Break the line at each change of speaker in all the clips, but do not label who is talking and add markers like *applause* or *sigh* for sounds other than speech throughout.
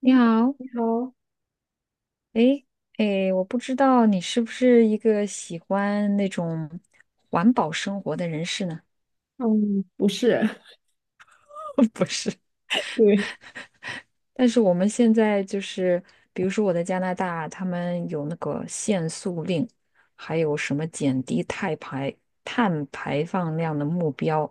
你好，
你好。
诶诶，我不知道你是不是一个喜欢那种环保生活的人士呢？
嗯，不是。
*laughs* 不是，
*laughs* 对。
但是我们现在就是，比如说我在加拿大，他们有那个限塑令，还有什么减低碳排放量的目标，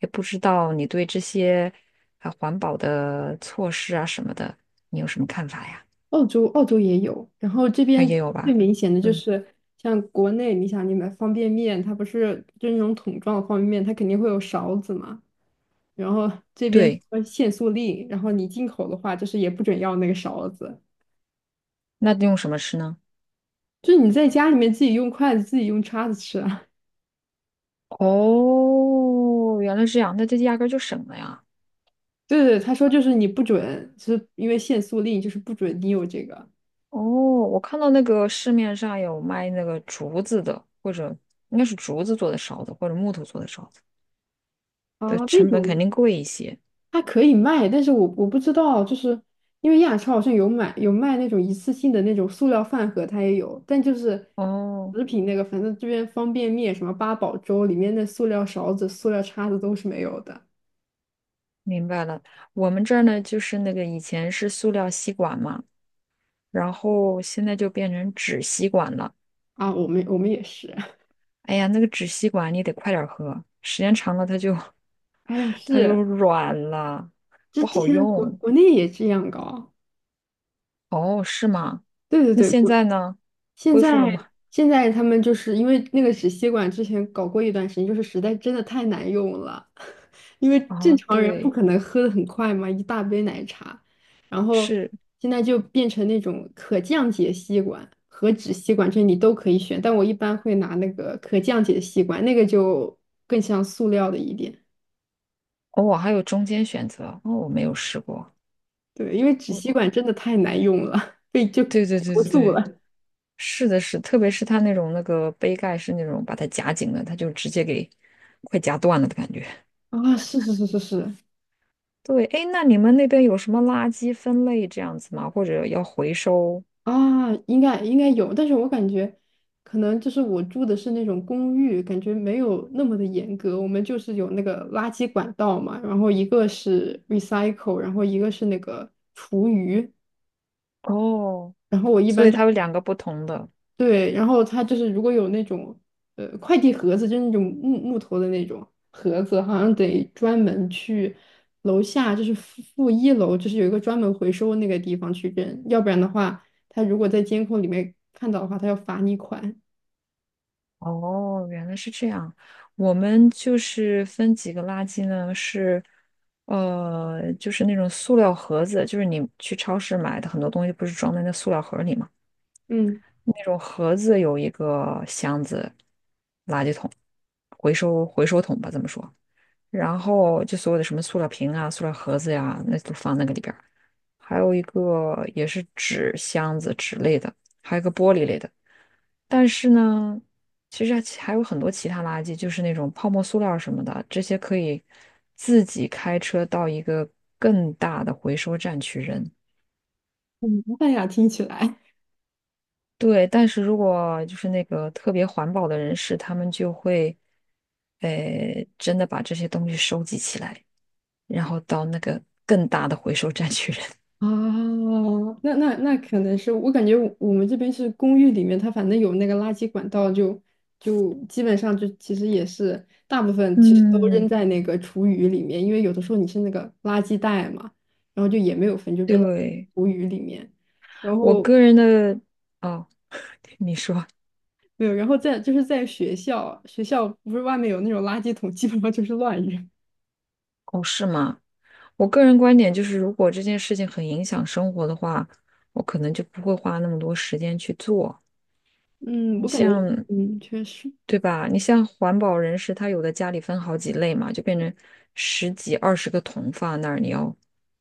也不知道你对这些啊环保的措施啊什么的，你有什么看法呀？
澳洲也有，然后这
啊，也
边
有
最
吧？
明显的就
嗯，
是像国内，你想你买方便面，它不是就是那种桶装的方便面，它肯定会有勺子嘛，然后这边
对，
说限塑令，然后你进口的话就是也不准要那个勺子，
那用什么吃呢？
就是你在家里面自己用筷子、自己用叉子吃啊。*laughs*
哦，原来是这样，那这压根儿就省了呀。
对，他说就是你不准，就是因为限塑令，就是不准你有这个。
哦，我看到那个市面上有卖那个竹子的，或者应该是竹子做的勺子，或者木头做的勺子，
啊
对，
那
成本肯
种
定贵一些。
它可以卖，但是我不知道，就是因为亚超好像有买有卖那种一次性的那种塑料饭盒，它也有，但就是
哦，
食品那个，反正这边方便面什么八宝粥里面的塑料勺子、塑料叉子都是没有的
明白了。我们这儿呢，就是那个以前是塑料吸管嘛，然后现在就变成纸吸管了。
啊。我们也是，*laughs*
哎呀，那个纸吸管你得快点儿喝，时间长了它就
哎呀，
*laughs* 它就
是
软了，
这
不
之
好
前国
用。
国内也这样搞，
哦，是吗？
对对
那
对，
现在呢？
现
恢复了吗？
在，现在他们就是因为那个纸吸管之前搞过一段时间，就是实在真的太难用了。因为正
啊，
常人不
对，
可能喝的很快嘛，一大杯奶茶，然后
是。
现在就变成那种可降解吸管和纸吸管，这你都可以选，但我一般会拿那个可降解吸管，那个就更像塑料的一点。
哦，我还有中间选择，哦，我没有试过。
对，因为纸
我，
吸
我
管真的太难用了，*laughs* 被就
对对对
投
对
诉
对，
了。
是的是，特别是它那种那个杯盖是那种把它夹紧的，它就直接给快夹断了的感觉。
啊，是是是是是。
对，哎，那你们那边有什么垃圾分类这样子吗？或者要回收？
啊，应该应该有，但是我感觉可能就是我住的是那种公寓，感觉没有那么的严格。我们就是有那个垃圾管道嘛，然后一个是 recycle,然后一个是那个厨余，
哦，
然后我一
所
般
以
就
它有两个不同的。
对，然后他就是如果有那种快递盒子，就是那种木头的那种盒子，好像得专门去楼下，就是负一楼，就是有一个专门回收那个地方去扔，要不然的话，他如果在监控里面看到的话，他要罚你款。
哦，原来是这样。我们就是分几个垃圾呢，是呃，就是那种塑料盒子，就是你去超市买的很多东西，不是装在那塑料盒里吗？
嗯，
那种盒子有一个箱子，垃圾桶，回收桶吧，这么说。然后就所有的什么塑料瓶啊、塑料盒子呀、那都放那个里边儿还有一个也是纸箱子、纸类的，还有一个玻璃类的。但是呢，其实还有很多其他垃圾，就是那种泡沫塑料什么的，这些可以自己开车到一个更大的回收站去扔。
很麻烦呀，听起来。
对，但是如果就是那个特别环保的人士，他们就会，呃，真的把这些东西收集起来，然后到那个更大的回收站去扔。
啊，那可能是我感觉我们这边是公寓里面，它反正有那个垃圾管道就，就基本上就其实也是大部
*laughs*
分其实都扔
嗯，
在那个厨余里面，因为有的时候你是那个垃圾袋嘛，然后就也没有分，就扔到
对，
厨余里面。然
我
后
个人的，哦，*laughs* 你说，
没有，然后在就是在学校，学校不是外面有那种垃圾桶，基本上就是乱扔。
哦，是吗？我个人观点就是，如果这件事情很影响生活的话，我可能就不会花那么多时间去做。
嗯，
你
我感觉
像，
确实。
对吧？你像环保人士，他有的家里分好几类嘛，就变成十几、二十个桶放那儿，你要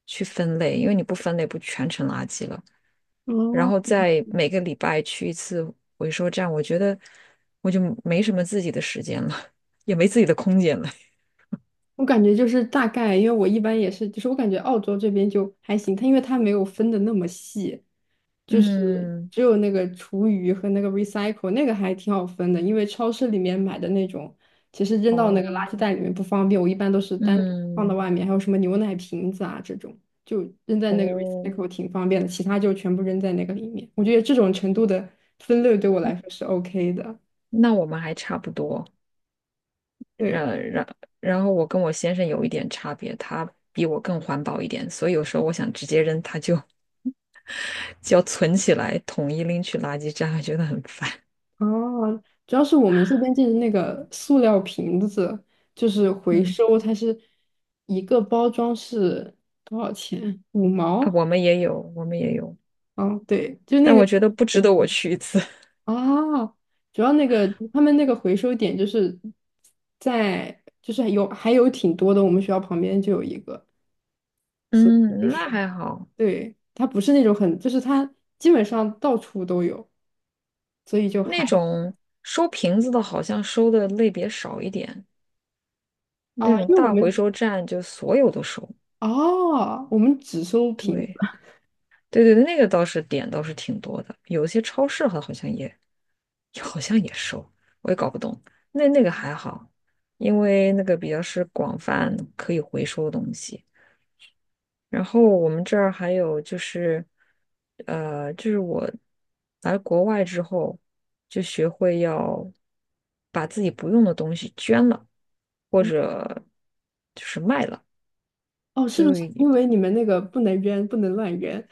去分类，因为你不分类，不全成垃圾了。然
哦，
后再每个礼拜去一次回收站，我觉得我就没什么自己的时间了，也没自己的空间了。*laughs*
我感觉就是大概，因为我一般也是，就是我感觉澳洲这边就还行，它因为它没有分的那么细，就是
嗯，
只有那个厨余和那个 recycle 那个还挺好分的，因为超市里面买的那种，其实扔到那个
哦，
垃圾袋里面不方便，我一般都是单独放到
嗯，
外面，还有什么牛奶瓶子啊这种，就扔在那个
哦。
recycle 挺方便的，其他就全部扔在那个里面。我觉得这种程度的分类对我来说是 OK 的。
那我们还差不多，
对。
呃，然后我跟我先生有一点差别，他比我更环保一点，所以有时候我想直接扔，他就 *laughs* 就要存起来，统一拎去垃圾站，*laughs* 觉得很烦。
哦，主要是我们这边就是那个塑料瓶子，就是回
嗯，
收，它是一个包装是多少钱？五
啊，
毛？
我们也有，我们也有，
嗯，对，就那
但
个
我觉得不值得我去一次。*laughs*
啊，主要那个他们那个回收点就是在，就是有还有挺多的，我们学校旁边就有一个，所以就
嗯，那
是
还好，
对，它不是那种很，就是它基本上到处都有，所以就还
那种收瓶子的，好像收的类别少一点，那
啊，
种
因为我
大回
们
收站就所有都收。
哦，我们只收瓶。
对。对对对，那个倒是点倒是挺多的，有一些超市好像也好像也收，我也搞不懂。那那个还好，因为那个比较是广泛可以回收的东西。然后我们这儿还有就是，呃，就是我来国外之后就学会要把自己不用的东西捐了，或者就是卖了。
哦，是
就
不是因为你们那个不能扔，不能乱扔？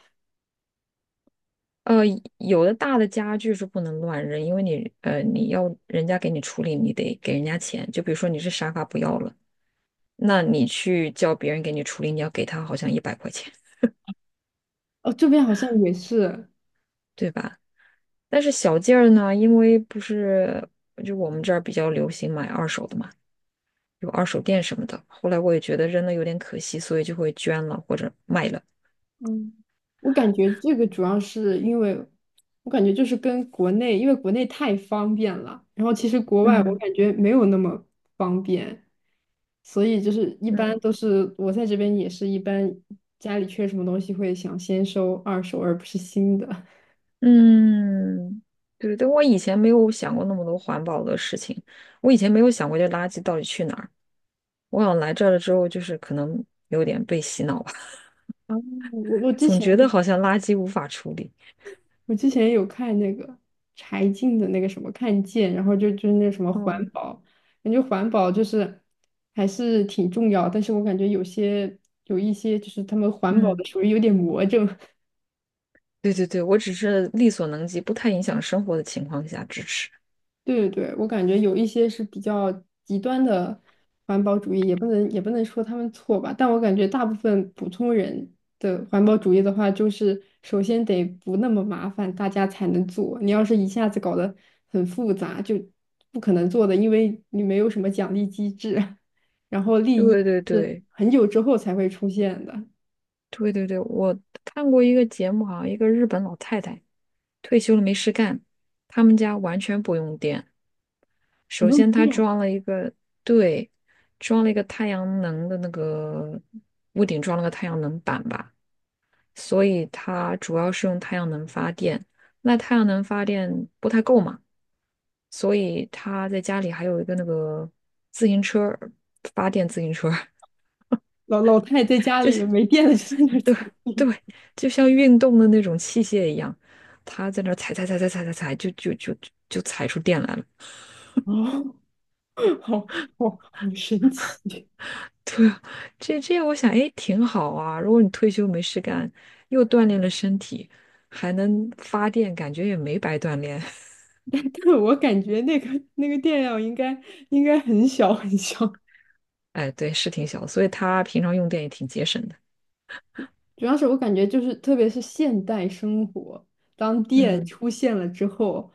呃，有的大的家具是不能乱扔，因为你呃你要人家给你处理，你得给人家钱。就比如说你是沙发不要了，那你去叫别人给你处理，你要给他好像一百块钱，
哦，这边好像也是。
对吧？但是小件儿呢，因为不是就我们这儿比较流行买二手的嘛，有二手店什么的。后来我也觉得扔了有点可惜，所以就会捐了或者卖了。
嗯，我感觉这个主要是因为，我感觉就是跟国内，因为国内太方便了，然后其实国外我
嗯
感觉没有那么方便，所以就是一般
嗯
都是我在这边也是一般家里缺什么东西会想先收二手而不是新的。
嗯，对，对，我以前没有想过那么多环保的事情，我以前没有想过这垃圾到底去哪儿。我想来这儿了之后，就是可能有点被洗脑吧，
然后我
*laughs*
之
总
前
觉
就
得
是
好像垃圾无法处理。
我之前有看那个柴静的那个什么看见，然后就是那个什么环
哦，
保，感觉环保就是还是挺重要，但是我感觉有一些就是他们环保
嗯，
的属于有点魔怔。
对对对，我只是力所能及，不太影响生活的情况下支持。
对对对，我感觉有一些是比较极端的环保主义，也不能说他们错吧，但我感觉大部分普通人的环保主义的话，就是首先得不那么麻烦，大家才能做。你要是一下子搞得很复杂，就不可能做的，因为你没有什么奖励机制，*laughs* 然后利益
对对
是
对
很久之后才会出现的。
对对对，我看过一个节目，好像一个日本老太太退休了没事干，他们家完全不用电。
不
首
用
先，她装了一个，对，装了一个太阳能的那个屋顶，装了个太阳能板吧。所以它主要是用太阳能发电。那太阳能发电不太够嘛，所以他在家里还有一个那个自行车儿发电自行车儿
老老太在
*laughs*
家
就
里
是
没电了就在那儿踩，
对对，就像运动的那种器械一样，他在那儿踩踩踩踩踩踩踩，就踩出电来了。
*laughs* 哦，好好神奇。
*laughs* 对啊，这这样我想，哎，挺好啊。如果你退休没事干，又锻炼了身体，还能发电，感觉也没白锻炼。*laughs*
*laughs* 我感觉那个电量应该应该很小很小，*laughs*
哎，对，是挺小的，所以他平常用电也挺节省的。
主要是我感觉就是特别是现代生活，当电
嗯
出现了之后，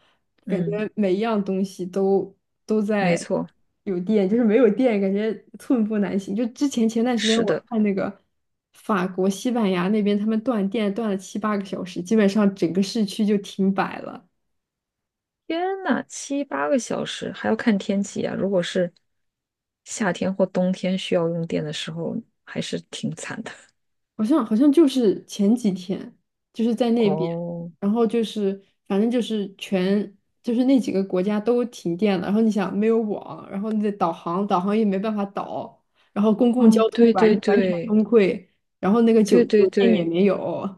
感觉
嗯，
每一样东西都都
没
在
错，
有电，就是没有电感觉寸步难行。就之前前段时间
是
我
的。
看那个法国、西班牙那边他们断电断了七八个小时，基本上整个市区就停摆了。
天呐，七八个小时还要看天气啊！如果是夏天或冬天需要用电的时候，还是挺惨的。
好像好像就是前几天，就是在那边，
哦
然后就是反正就是全就是那几个国家都停电了，然后你想没有网，然后你的导航也没办法导，然后公共
哦，
交通
对
完
对
*laughs* 完全
对
崩溃，然后那个
对
酒
对
店也
对，
没有，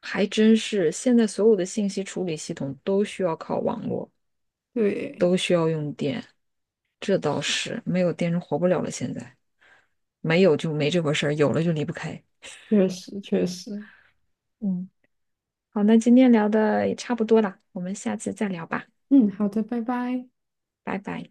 还真是。现在所有的信息处理系统都需要靠网络，
*laughs* 对，
都需要用电，这倒是没有电人活不了了。现在没有就没这回事儿，有了就离不开。
确实确实。
嗯。好，那今天聊的也差不多了，我们下次再聊吧，
嗯，好的，拜拜。
拜拜。